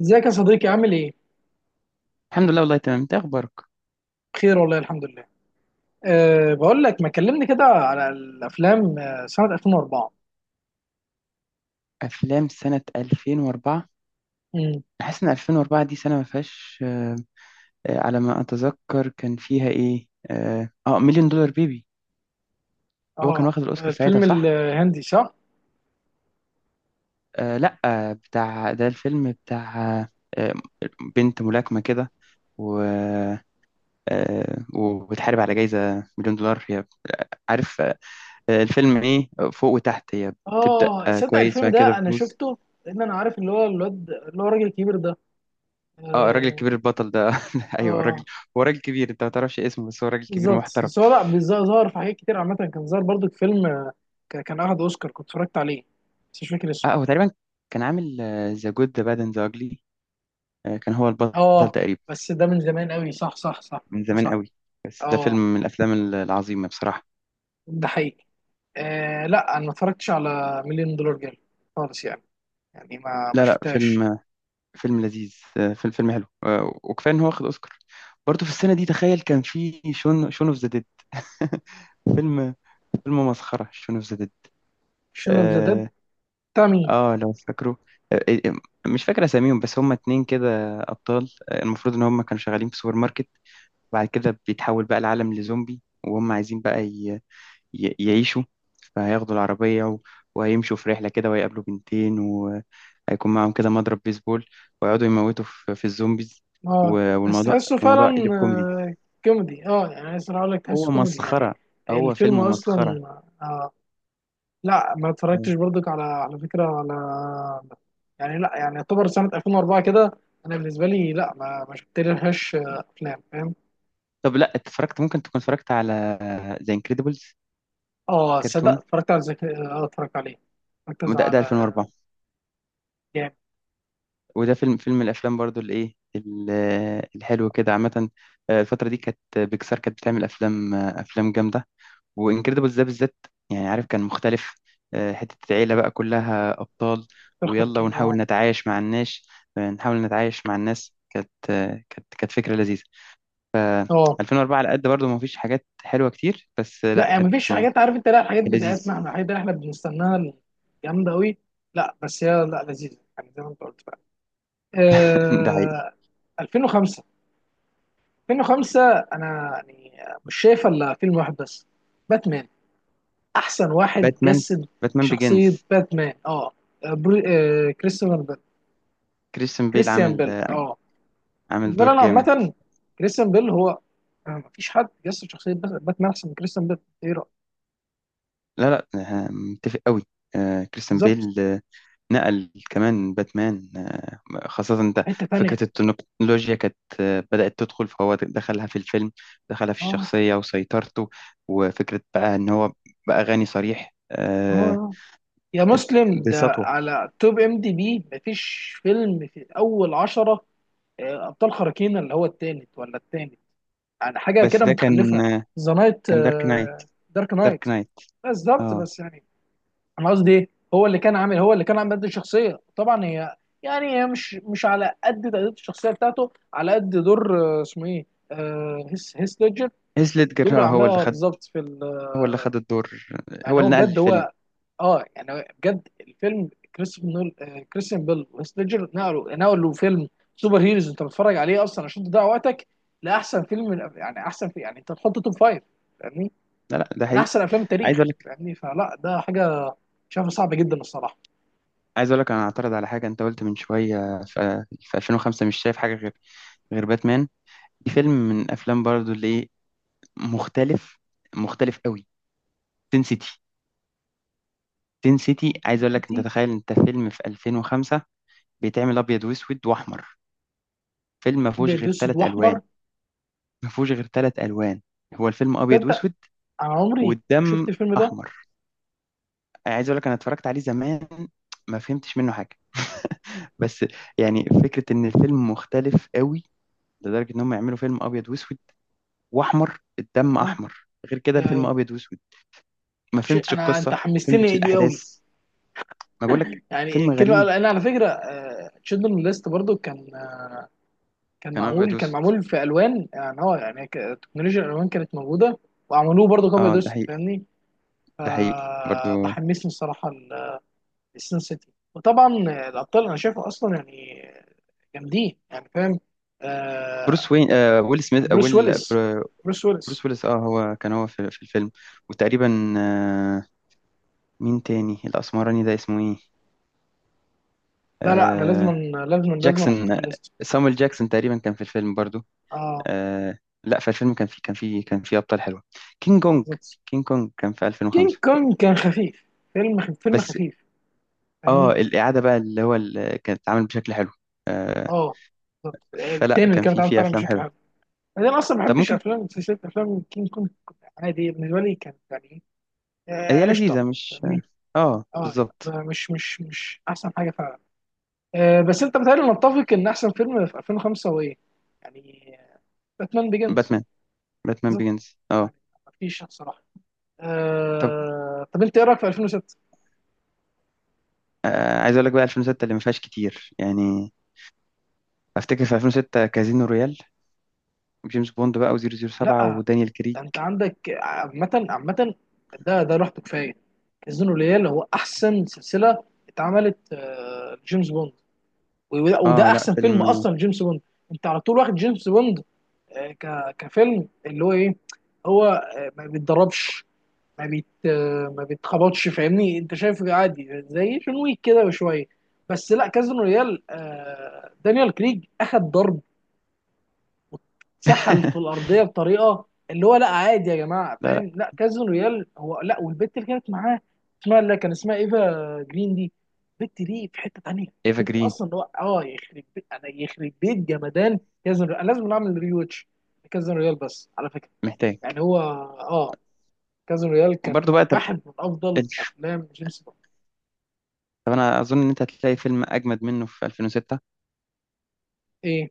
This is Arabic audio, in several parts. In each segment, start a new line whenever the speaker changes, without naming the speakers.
ازيك يا صديقي عامل ايه؟
الحمد لله والله تمام. انت إيه اخبارك؟
بخير والله الحمد لله. بقول لك ما كلمني كده على الافلام سنة 2004.
افلام سنة 2004.
امم.
انا حاسس ان 2004 دي سنة ما فيهاش. على ما اتذكر كان فيها ايه، مليون دولار بيبي. هو كان
اه،
واخد الاوسكار ساعتها،
الفيلم
صح؟
الهندي صح؟
لا، بتاع ده الفيلم بتاع آه بنت ملاكمة كده، و وبتحارب على جايزة مليون دولار هي. عارف؟ الفيلم ايه فوق وتحت هي. بتبدأ
اه تصدق
كويس
الفيلم
وبعد كده
ده انا
بتبوظ.
شفته، لان انا عارف اللي هو الراجل الكبير ده.
اه، الراجل
اه.
الكبير البطل ده ايوه، الراجل
آه
هو راجل كبير، انت ما تعرفش اسمه بس هو راجل كبير
بالظبط،
محترم.
بس هو لا ظهر في حاجات كتير عامة، كان ظهر برضو في فيلم، آه، كان اخد اوسكار، كنت اتفرجت عليه بس مش فاكر اسمه.
اه، هو تقريبا كان عامل ذا جود ذا باد اند ذا اجلي، كان هو البطل
اه،
تقريبا.
بس ده من زمان قوي، صح صح صح،
من
ده
زمان
صح.
قوي. بس ده فيلم
اه
من العظيمه بصراحه.
ده حقيقي. آه لا، انا ما اتفرجتش على مليون دولار جيل خالص يعني، يعني ما
لا لا،
شفتهاش.
فيلم لذيذ، فيلم حلو، وكفايه ان هو واخد اوسكار. برضه في السنه دي تخيل كان في شون اوف ذا ديد فيلم مسخره شون اوف ذا ديد.
شنو اوف ذا ديد؟
آه،
بتاع مين؟
اه لو فاكره. آه، آه، مش فاكر اساميهم بس هما اتنين كده ابطال. المفروض ان هما كانوا شغالين في سوبر ماركت وبعد كده بيتحول بقى العالم لزومبي، وهم عايزين بقى يعيشوا. فهياخدوا العربية وهيمشوا في رحلة كده وهيقابلوا بنتين وهيكون معاهم كده مضرب بيسبول، ويقعدوا يموتوا في الزومبيز. و...
اه بس
والموضوع
تحسه
الموضوع قلب
فعلا.
كوميدي.
آه كوميدي، اه يعني عايز اقول لك تحسه
هو
كوميدي يعني،
مسخرة، هو
الفيلم
فيلم
اصلا.
مسخرة.
آه لا، ما
آه.
اتفرجتش برضك على فكره، على. يعني لا، يعني يعتبر سنه 2004 كده، انا بالنسبه لي لا، ما شفت لهاش افلام، فاهم.
طب لا، اتفرجت ممكن تكون اتفرجت على ذا انكريدبلز.
اه صدق
كرتون،
اتفرجت عليه، اتفرجت
ده
على،
2004.
جامد.
وده فيلم من الافلام برضو اللي ايه الحلو كده عامه. الفتره دي كانت بيكسار كانت بتعمل افلام، افلام جامده. وانكريدبلز ده بالذات، يعني عارف كان مختلف. حته العيله بقى كلها ابطال، ويلا
تخرج،
ونحاول
اه.
نتعايش مع الناس. نحاول نتعايش مع الناس كانت كانت فكره لذيذه. ف
اه
2004 على قد برضو ما فيش حاجات حلوه كتير، بس
لا،
لا
يعني
كانت
مفيش حاجات، عارف انت؟ لا، الحاجات
لذيذ.
بتاعتنا احنا، الحاجات اللي احنا بنستناها جامده قوي. لا بس هي لا، لذيذه يعني زي ما انت قلت فعلا.
ده حقيقي.
آه، 2005. 2005، انا يعني مش شايف الا فيلم واحد بس، باتمان، احسن واحد
باتمان،
جسد
باتمان
شخصيه
بيجنز.
باتمان. اه بري... آه كريستيان بيل،
كريستيان بيل
كريستيان
عامل
بيل. اه
عامل
بالنسبه لي
دور
انا
جامد.
عامه، كريستيان بيل هو، مفيش حد جسد شخصيه باتمان احسن من كريستيان بيل، ايه رايك؟
لا لا، متفق قوي. كريستيان
بالظبط.
بيل نقل كمان باتمان، خاصة انت
حته تانيه،
فكرة التكنولوجيا كانت بدأت تدخل، فهو دخلها في الفيلم، دخلها في
اه
الشخصية وسيطرته. وفكرة بقى ان هو بقى غني صريح،
اه آه. يا مسلم، ده
بسطوة.
على توب ام دي بي مفيش فيلم في اول عشرة، ابطال خارقين اللي هو التالت ولا التاني، يعني حاجه
بس
كده
ده كان
متخلفه. ذا نايت،
كان دارك نايت.
دارك
دارك
نايت.
نايت.
بالظبط
اه،
بس يعني، انا قصدي ايه، هو اللي كان عامل قد الشخصيه طبعا، هي يعني هي مش على قد تأدية الشخصيه بتاعته، على قد دور اسمه ايه، هيث ليدجر.
هيث
الدور
ليدجر،
عملها بالظبط
هو اللي خد الدور،
يعني
هو
هو
اللي نقل
بجد،
الفيلم.
هو اه يعني بجد الفيلم. كريستوفر نول، كريستيان بيل وسليجر نقلوا فيلم سوبر هيروز انت بتتفرج عليه اصلا عشان تضيع وقتك، لاحسن فيلم، من يعني احسن، في يعني انت تحط توب فايف، فاهمني؟
لا لا، ده
من
حقيقي.
احسن افلام التاريخ
عايز،
فاهمني، فلا ده حاجه شايفها صعبه جدا الصراحه.
عايز اقول لك انا اعترض على حاجه انت قلت من شويه في 2005، مش شايف حاجه غير باتمان. دي فيلم من افلام برضو اللي إيه، مختلف، مختلف قوي. تين سيتي، تين سيتي. عايز اقول لك، انت
انتي.
تخيل انت فيلم في 2005 بيتعمل ابيض واسود واحمر. فيلم ما فيهوش
ابيض
غير
اسود
ثلاث
واحمر،
الوان، ما فيهوش غير ثلاث الوان. هو الفيلم ابيض
تصدق؟
واسود،
انا عمري ما شفت
والدم
الفيلم ده.
احمر. عايز اقول لك انا اتفرجت عليه زمان، ما فهمتش منه حاجه، بس يعني فكره ان الفيلم مختلف قوي لدرجه ان هم يعملوا فيلم ابيض واسود واحمر. الدم
اه.
احمر، غير كده
آه،
الفيلم ابيض واسود. ما
شيء،
فهمتش
انا
القصه،
انت
ما فهمتش
حمستني ليه قوي
الاحداث. ما بقول لك،
يعني،
فيلم
الكلمه.
غريب،
انا على فكره تشيلدرن ليست برضو كان، كان
كان ابيض
معمول كان
واسود.
معمول في الوان، يعني هو يعني تكنولوجيا الالوان كانت موجوده، وعملوه برضه كوبي
اه، ده
دوست،
حقيقي،
فاهمني؟
ده حقيقي برضو.
فبحمسني الصراحه لسين سيتي. وطبعا الابطال انا شايفه اصلا يعني جامدين، يعني فاهم. آه
بروس وين، ويل سميث،
بروس ويلس بروس ويلس
بروس ويلس. اه، هو كان هو في الفيلم. وتقريبا، مين تاني الاسمراني ده اسمه ايه؟
لا لا، انا لازم،
آه
لازم احطه
جاكسون،
في الليست.
سامويل جاكسون تقريبا كان في الفيلم برضو.
اه
آه، لا، في الفيلم كان في ابطال حلوه. كينج كونج،
بالظبط.
كينج كونج كان في
كينج
2005.
كونج كان خفيف، فيلم
بس
خفيف،
اه،
فاهمني؟
الإعادة بقى اللي هو اللي كانت اتعمل بشكل حلو. آه،
اه بالظبط، التاني
فلا
اللي
كان
كان اتعمل
في
فعلا
أفلام
بشكل حلو.
حلوة.
انا اصلا ما
طب
بحبش
ممكن.
افلام سلسله افلام كينج كونج، عادي بالنسبه لي، كانت يعني
هي
قشطه،
لذيذة مش؟
فاهمني؟
اه،
اه يعني
بالظبط.
مش احسن حاجه فعلا. بس انت بتهيألي نتفق ان احسن فيلم في 2005 هو ايه؟ يعني باتمان بيجنز،
باتمان، باتمان
بالظبط،
بيجنز، اه.
يعني ما فيش صراحه.
طب،
طب انت ايه رايك في 2006؟
عايز أقول لك بقى 2006 اللي ما فيهاش كتير يعني. أفتكر في 2006 كازينو رويال، جيمس بوند بقى و007
لا،
ودانيال كريج.
ده انت عندك عامه عامه، ده لوحده كفايه. كازينو ريال هو احسن سلسله اتعملت لجيمس بوند، وده
اه لا
احسن فيلم
فيلم.
اصلا جيمس بوند. انت على طول واخد جيمس بوند كفيلم اللي هو ايه، هو ما بيتدربش، ما بيتخبطش، فاهمني؟ انت شايفه عادي زي جون ويك كده بشويه، بس لا كازينو ريال دانيال كريج اخد ضرب، سحل في الارضيه بطريقه اللي هو لا عادي يا جماعه،
لا لا،
فاهم؟ لا كازينو ريال هو، لا، والبت اللي كانت معاه اسمها، اللي كان اسمها ايفا جرين. دي البت دي في حته تانيه،
ايفا
البت دي
جرين.
اصلا هو، يخرب بيت، انا يخرب بيت جمدان كازينو ريال، انا لازم نعمل ريوتش كازينو ريال. بس على فكره
محتاج.
يعني، هو كازينو ريال كان
برضو بقى. طب،
واحد من افضل افلام جيمس بوند.
طب انا اظن ان انت هتلاقي فيلم اجمد منه في 2006،
ايه؟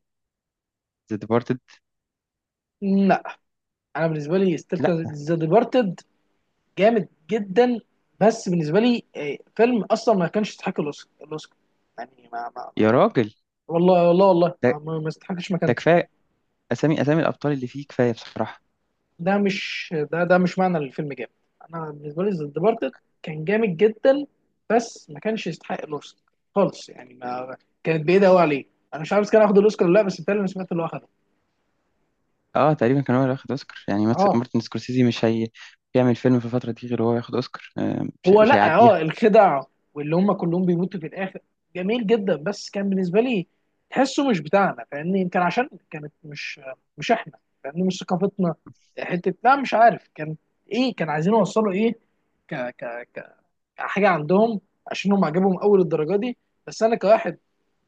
ذا ديبارتد.
لا انا بالنسبه لي ستيل
لا
ذا ديبارتد جامد جدا، بس بالنسبه لي فيلم اصلا ما كانش يستحق الاوسكار، يعني ما،
يا راجل،
والله والله والله،
ده
ما يستحقش
ده
مكانته.
اسامي، اسامي الابطال اللي فيه كفايه بصراحه.
ده مش معنى الفيلم جامد، انا بالنسبه لي ذا ديبارتد كان جامد جدا، بس ما كانش يستحق الاوسكار خالص، يعني ما، كانت بعيده قوي عليه. انا مش عارف إذا كان هياخد الاوسكار ولا لا، بس بالتالي انا سمعت اللي هو اخده.
اه تقريبا كان هو اللي واخد اوسكار يعني.
اه
مارتن سكورسيزي مش هي بيعمل فيلم في الفتره دي غير هو ياخد اوسكار. آه،
هو،
مش
لا
هيعديها.
الخدع واللي هم كلهم بيموتوا في الاخر، جميل جدا، بس كان بالنسبه لي تحسه مش بتاعنا، فاهمني؟ يمكن عشان كانت مش، مش احنا، فاهمني؟ مش ثقافتنا، حته لا مش عارف كان ايه، كان عايزين يوصلوا ايه ك ك ك- كحاجه عندهم، عشان هم عجبهم اول الدرجه دي، بس انا كواحد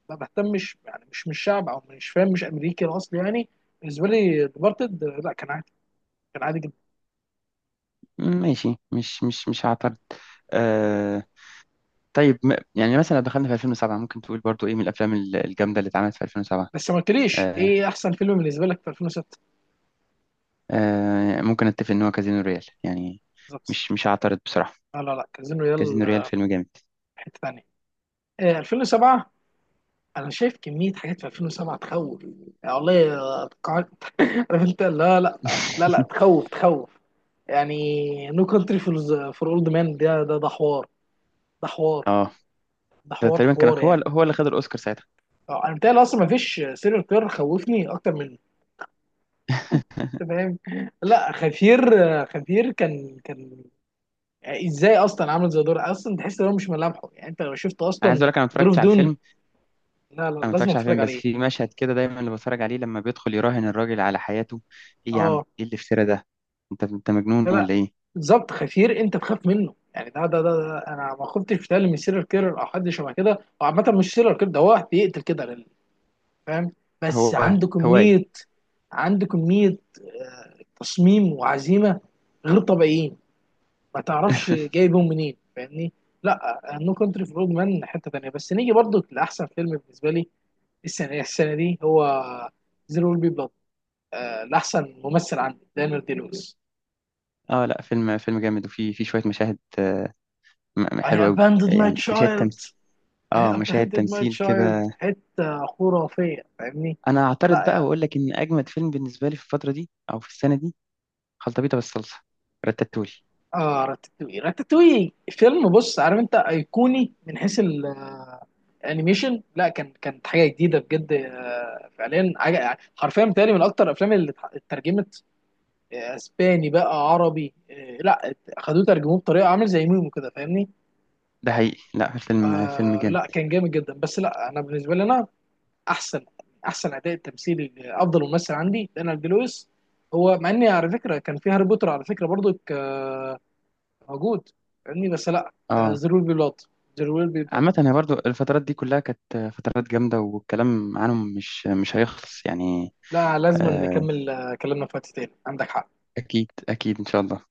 ما بهتمش، يعني مش من الشعب او مش فاهم، مش امريكي الاصل يعني. بالنسبه لي ديبارتد لا، كان عادي، كان عادي جدا.
ماشي، مش هعترض. آه طيب، يعني مثلا لو دخلنا في 2007، ممكن تقول برضو ايه من الجامده اللي اتعملت في 2007.
بس ما قلتليش
آه
ايه احسن فيلم بالنسبه لك في 2006؟
ممكن اتفق ان هو كازينو ريال يعني.
بالظبط.
مش هعترض بصراحه.
لا لا لا، كازينو ريال
كازينو ريال فيلم جامد.
حته ثانيه. 2007، انا شايف كميه حاجات في 2007 تخوف، يعني والله. عارف؟ انت لا لا، لا لا تخوف تخوف يعني، نو كونتري فور اولد مان، ده حوار، ده حوار،
اه،
ده
ده
حوار
تقريبا كان
حوار يعني.
هو اللي خد الاوسكار ساعتها.
انا بتهيألي اصلا ما فيش سيريال كيلر خوفني اكتر منه، أنت فاهم؟ لا خفير، خفير كان يعني ازاي اصلا، عامل زي دور اصلا تحس ان هو مش ملامحه يعني، انت لو شفت
انا عايز
اصلا
اقول لك انا ما
ظروف
اتفرجتش على
دون.
الفيلم.
لا لا،
انا ما
لازم
اتفرجش على فيلم،
تتفرج
بس
عليه.
في مشهد كده دايما اللي بتفرج عليه لما بيدخل يراهن الراجل على حياته. ايه يا عم،
اه
ايه الافتراء ده؟ انت، انت مجنون
لا
ولا ايه؟
بالظبط، خفير انت تخاف منه يعني، ده انا ما خفتش بتهيألي من سيريال كيرر او حد شبه كده، او عامه مش سيريال كيرر، ده هو واحد بيقتل كده فاهم؟ بس
هو
عنده
هواية.
كميه، عنده كميه تصميم وعزيمه غير طبيعيين، ما تعرفش جايبهم منين، فاهمني؟ لا نو كونتري فور اولد مان حته تانيه. بس نيجي برضو لاحسن فيلم بالنسبه لي السنه دي هو زيرو ويل بي بلاد، لاحسن ممثل، عندي دانيال دي لويس.
اه لا، فيلم جامد، وفي شوية مشاهد
I
حلوة قوي.
abandoned my
يعني مشاهد
child.
تمثيل.
I
اه، مشاهد
abandoned my
تمثيل
child،
كده.
في حتة خرافية، فاهمني؟
انا هعترض
لا
بقى
يعني،
واقول لك ان اجمد فيلم بالنسبة لي في الفترة دي او في السنة دي خلطبيطة بالصلصة، رتاتولي.
اه راتاتوي، راتاتوي فيلم، بص عارف انت، ايقوني من حيث الانيميشن، لا كانت حاجة جديدة بجد، فعليا حاجة، حرفيا بتهيألي من اكتر الافلام اللي اترجمت اسباني بقى عربي لا، خدوه ترجموه بطريقة عامل زي ميمو كده، فاهمني؟
ده حقيقي، لا الفيلم فيلم
آه
جامد.
لا كان جامد جدا، بس لا انا بالنسبة لي انا احسن احسن اداء تمثيلي، افضل ممثل عندي دانيال دي لويس، هو، مع اني على فكره كان في هاري بوتر على فكره برضو موجود فاهمني، بس لا،
اه،
زيرو بي بلاد، زيرو بي بلاد.
عامة هي برضو الفترات دي كلها كانت فترات جامدة، والكلام عنهم مش هيخلص يعني.
لا لازم
آه،
نكمل كلامنا في وقت تاني، عندك حق.
أكيد أكيد إن شاء الله.